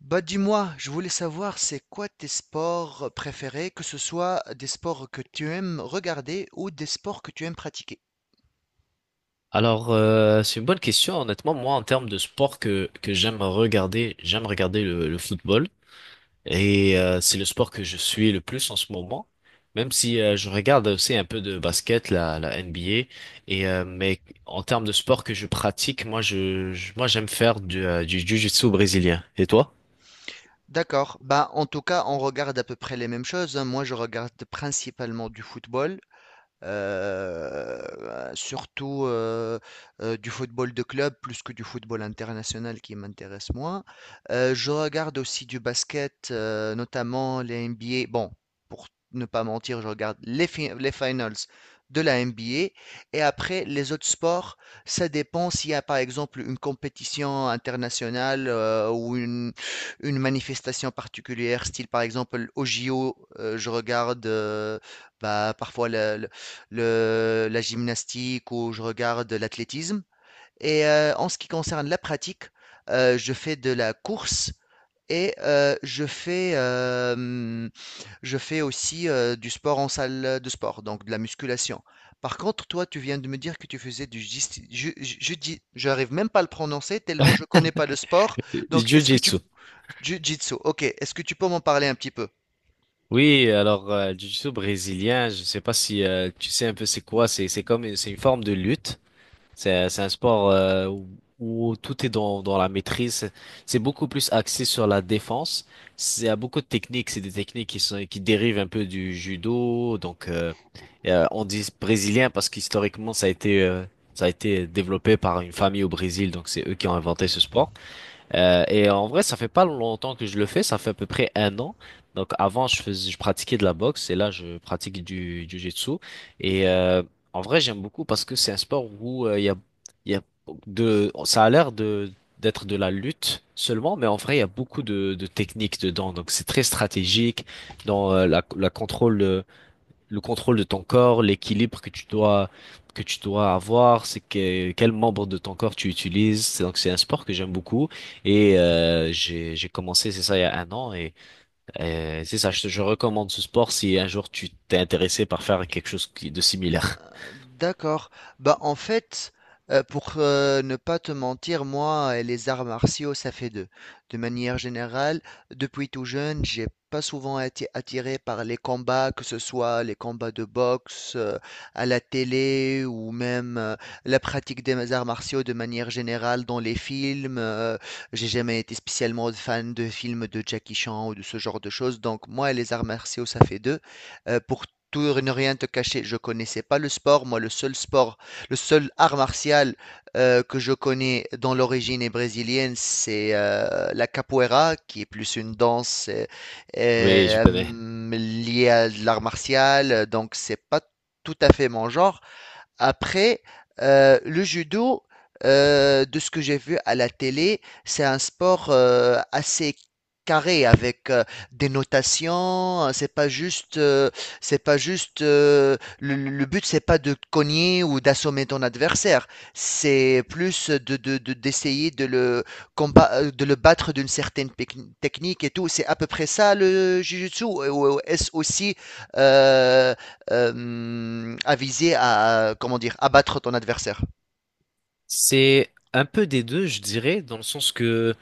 Bah dis-moi, je voulais savoir c'est quoi tes sports préférés, que ce soit des sports que tu aimes regarder ou des sports que tu aimes pratiquer. Alors, c'est une bonne question. Honnêtement, moi, en termes de sport que j'aime regarder le football. Et c'est le sport que je suis le plus en ce moment. Même si je regarde aussi un peu de basket, la NBA. Et, mais en termes de sport que je pratique, moi, moi, j'aime faire du jiu-jitsu brésilien. Et toi? D'accord, bah, en tout cas on regarde à peu près les mêmes choses, hein. Moi je regarde principalement du football, Heu, surtout, du football de club plus que du football international qui m'intéresse moins. Je regarde aussi du basket, notamment les NBA. Bon, pour ne pas mentir, je regarde les fi les finals de la NBA. Et après les autres sports, ça dépend s'il y a, par exemple, une compétition internationale, ou une manifestation particulière, style, par exemple, aux JO, je regarde, bah, parfois le la gymnastique, ou je regarde l'athlétisme. En ce qui concerne la pratique, je fais de la course, et je fais aussi du sport en salle de sport, donc de la musculation. Par contre, toi, tu viens de me dire que tu faisais du je n'arrive même pas à le prononcer tellement je connais pas le sport. Donc, est-ce que tu Jiu-jitsu. jiu-jitsu, ok, est-ce que tu peux m'en parler un petit peu? Oui, alors, jiu-jitsu brésilien, je sais pas si tu sais un peu c'est quoi. C'est comme, c'est une forme de lutte. C'est un sport où tout est dans la maîtrise. C'est beaucoup plus axé sur la défense. Il y a beaucoup de techniques. C'est des techniques qui dérivent un peu du judo. Donc, et, on dit brésilien parce qu'historiquement, ça a été développé par une famille au Brésil. Donc, c'est eux qui ont inventé ce sport. Et en vrai, ça fait pas longtemps que je le fais, ça fait à peu près un an. Donc avant, je pratiquais de la boxe et là, je pratique du jiu-jitsu. Et en vrai, j'aime beaucoup parce que c'est un sport où il y a de ça a l'air de d'être de la lutte seulement, mais en vrai, il y a beaucoup de techniques dedans. Donc c'est très stratégique dans la contrôle. Le contrôle de ton corps, l'équilibre que tu dois avoir, c'est que quel membre de ton corps tu utilises. Donc c'est un sport que j'aime beaucoup et j'ai commencé c'est ça il y a un an et c'est ça je recommande ce sport si un jour tu t'es intéressé par faire quelque chose de similaire. D'accord. Bah, en fait, pour ne pas te mentir, moi et les arts martiaux, ça fait deux. De manière générale, depuis tout jeune, j'ai pas souvent été attiré par les combats, que ce soit les combats de boxe, à la télé, ou même la pratique des arts martiaux de manière générale dans les films. J'ai jamais été spécialement fan de films de Jackie Chan ou de ce genre de choses. Donc, moi et les arts martiaux, ça fait deux. Pour tout et ne rien te cacher, je connaissais pas le sport. Moi, le seul sport, le seul art martial que je connais dans l'origine est brésilienne, c'est la capoeira, qui est plus une danse Oui, je connais. euh, liée à l'art martial. Donc, c'est pas tout à fait mon genre. Après, le judo, de ce que j'ai vu à la télé, c'est un sport assez carré avec des notations, hein. C'est pas juste, c'est pas juste. Le but, c'est pas de cogner ou d'assommer ton adversaire. C'est plus d'essayer de le combat, de le battre d'une certaine technique et tout. C'est à peu près ça le jiu-jitsu. Ou est-ce aussi euh, à viser à, comment dire, abattre ton adversaire? C'est un peu des deux, je dirais, dans le sens que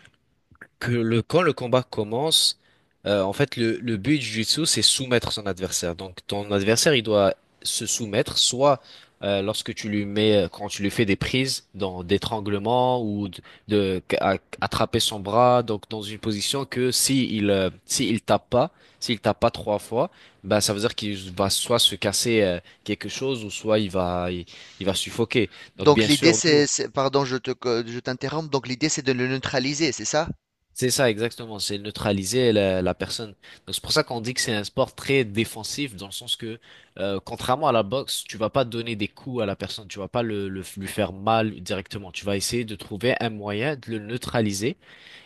que le, quand le combat commence, en fait, le but du jiu-jitsu, c'est soumettre son adversaire. Donc, ton adversaire, il doit se soumettre, soit lorsque tu lui mets, quand tu lui fais des prises, dans d'étranglement ou de attraper son bras, donc dans une position que si il tape pas, s'il tape pas trois fois, bah ça veut dire qu'il va soit se casser quelque chose ou soit il va suffoquer. Donc, Donc bien l'idée sûr, nous. c'est, pardon, je t'interromps. Donc l'idée c'est de le neutraliser, c'est ça? C'est ça, exactement. C'est neutraliser la personne. Donc c'est pour ça qu'on dit que c'est un sport très défensif, dans le sens que, contrairement à la boxe, tu vas pas donner des coups à la personne, tu vas pas lui faire mal directement. Tu vas essayer de trouver un moyen de le neutraliser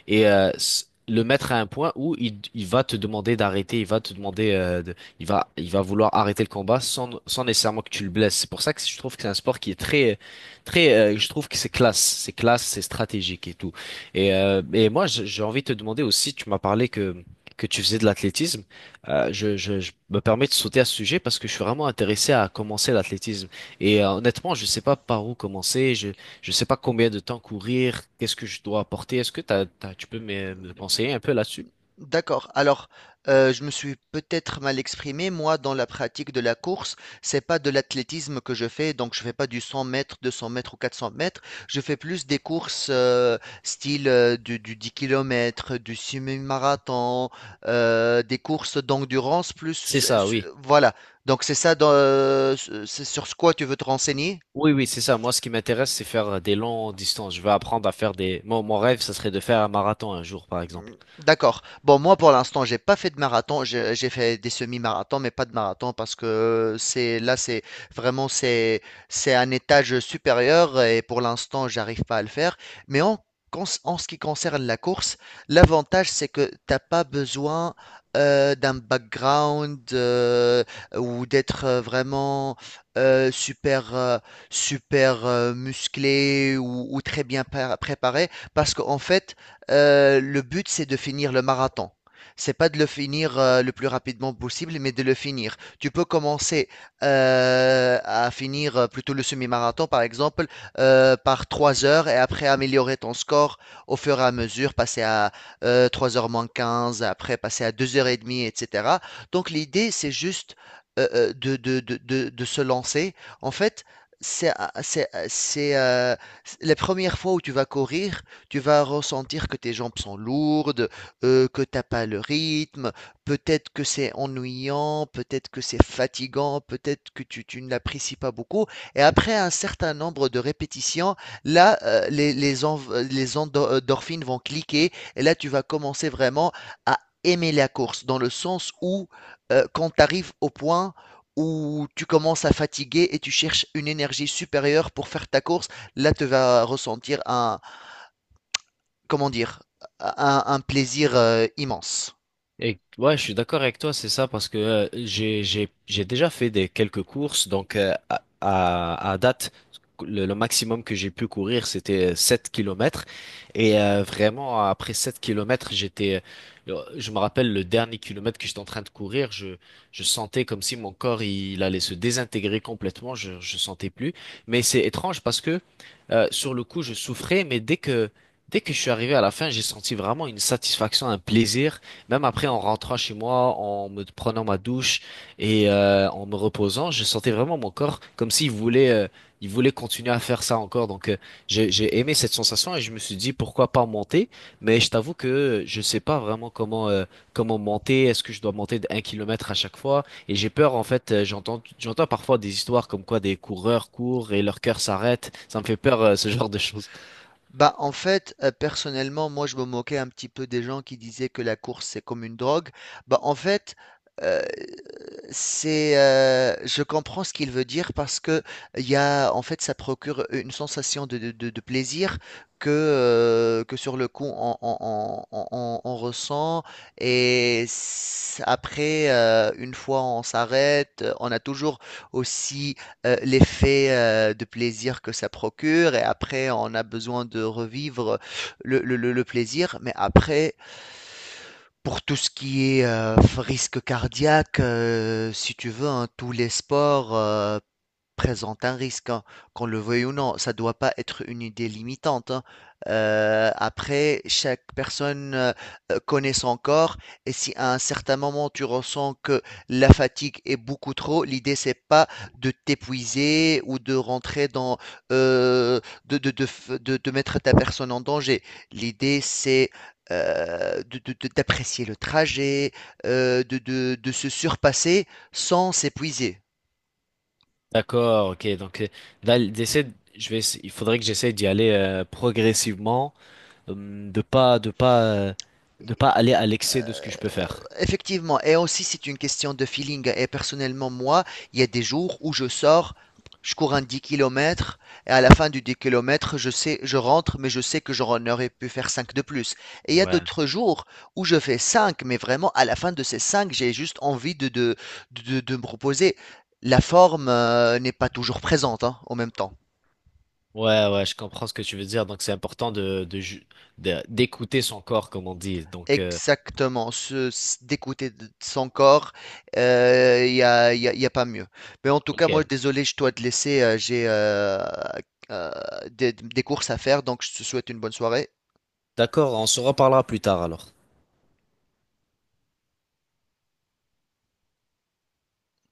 et le mettre à un point où il va te demander d'arrêter, il va te demander, il va vouloir arrêter le combat sans nécessairement que tu le blesses. C'est pour ça que je trouve que c'est un sport qui est très, très, je trouve que c'est classe, c'est classe, c'est stratégique et tout. Et moi, j'ai envie de te demander aussi, tu m'as parlé que tu faisais de l'athlétisme. Je je me permets de sauter à ce sujet parce que je suis vraiment intéressé à commencer l'athlétisme. Et honnêtement, je sais pas par où commencer. Je sais pas combien de temps courir, qu'est-ce que je dois apporter. Est-ce que tu peux me conseiller un peu là-dessus? D'accord. Alors, je me suis peut-être mal exprimé. Moi, dans la pratique de la course, c'est pas de l'athlétisme que je fais, donc je fais pas du 100 mètres, deux 200 mètres ou 400 mètres. Je fais plus des courses, style, du 10 km, du semi-marathon, des courses d'endurance C'est plus, ça, su oui. voilà. Donc c'est ça, c'est sur ce quoi tu veux te renseigner? Oui, oui, c'est ça. Moi, ce qui m'intéresse, c'est faire des longues distances. Je veux apprendre. Mon rêve, ça serait de faire un marathon un jour, par exemple. D'accord. Bon, moi, pour l'instant, j'ai pas fait de marathon. J'ai fait des semi-marathons, mais pas de marathon parce que c'est là, c'est vraiment, c'est un étage supérieur et pour l'instant, j'arrive pas à le faire. Mais en ce qui concerne la course, l'avantage, c'est que t'as pas besoin d'un background, ou d'être vraiment super super musclé, ou très bien préparé parce qu'en fait le but, c'est de finir le marathon. C'est pas de le finir, le plus rapidement possible, mais de le finir. Tu peux commencer à finir plutôt le semi-marathon, par exemple, par 3 heures, et après améliorer ton score au fur et à mesure, passer à 3 heures moins 15, après passer à 2 heures et demie, etc. Donc l'idée, c'est juste de se lancer. En fait, c'est, c'est, c'est, euh, la première fois où tu vas courir, tu vas ressentir que tes jambes sont lourdes, que t'as pas le rythme, peut-être que c'est ennuyant, peut-être que c'est fatigant, peut-être que tu ne l'apprécies pas beaucoup. Et après un certain nombre de répétitions, là, les endorphines vont cliquer et là, tu vas commencer vraiment à aimer la course, dans le sens où quand tu arrives au point où tu commences à fatiguer et tu cherches une énergie supérieure pour faire ta course, là tu vas ressentir un, comment dire, un plaisir immense. Et ouais, je suis d'accord avec toi, c'est ça, parce que j'ai déjà fait des quelques courses, donc à date le maximum que j'ai pu courir c'était 7 kilomètres et vraiment après 7 kilomètres j'étais je me rappelle le dernier kilomètre que j'étais en train de courir, je sentais comme si mon corps il allait se désintégrer complètement, je sentais plus, mais c'est étrange parce que sur le coup je souffrais, dès que je suis arrivé à la fin, j'ai senti vraiment une satisfaction, un plaisir. Même après, en rentrant chez moi, en me prenant ma douche et en me reposant, je sentais vraiment mon corps comme s'il voulait continuer à faire ça encore. Donc, j'ai aimé cette sensation et je me suis dit pourquoi pas monter. Mais je t'avoue que je sais pas vraiment comment monter. Est-ce que je dois monter d'un kilomètre à chaque fois? Et j'ai peur, en fait, j'entends parfois des histoires comme quoi des coureurs courent et leur cœur s'arrête. Ça me fait peur, ce genre de choses. Bah, en fait, personnellement, moi, je me moquais un petit peu des gens qui disaient que la course, c'est comme une drogue. Bah, en fait, heu, je comprends ce qu'il veut dire parce que il y a en fait, ça procure une sensation de plaisir que, que sur le coup, on ressent. Et c après, une fois on s'arrête, on a toujours aussi l'effet, de plaisir que ça procure, et après on a besoin de revivre le plaisir. Mais après, pour tout ce qui est, risque cardiaque, si tu veux, hein, tous les sports, présente un risque, hein, qu'on le veuille ou non. Ça doit pas être une idée limitante, hein. Après, chaque personne connaît son corps et si à un certain moment tu ressens que la fatigue est beaucoup trop, l'idée c'est pas de t'épuiser ou euh, de mettre ta personne en danger. L'idée, c'est d'apprécier le trajet, de se surpasser sans s'épuiser. D'accord, ok. Donc, là, j'essaie, je vais, essa- il faudrait que j'essaie d'y aller progressivement, hum, de pas, de pas, euh, de pas aller à l'excès de ce Euh, que je peux faire. Effectivement, et aussi c'est une question de feeling. Et personnellement, moi, il y a des jours où je sors, je cours un 10 kilomètres, et à la fin du 10 km, je sais, je rentre, mais je sais que j'en aurais pu faire 5 de plus. Et il y a Ouais. d'autres jours où je fais 5, mais vraiment à la fin de ces 5, j'ai juste envie de me reposer. La forme, n'est pas toujours présente, hein, en même temps. Ouais, ouais, je comprends ce que tu veux dire. Donc, c'est important d'écouter son corps, comme on dit. Donc, Exactement, d'écouter de son corps, il y a, y a pas mieux. Mais en tout cas, moi, ok. désolé, je dois te laisser, j'ai euh, des courses à faire, donc je te souhaite une bonne soirée. D'accord, on se reparlera plus tard alors.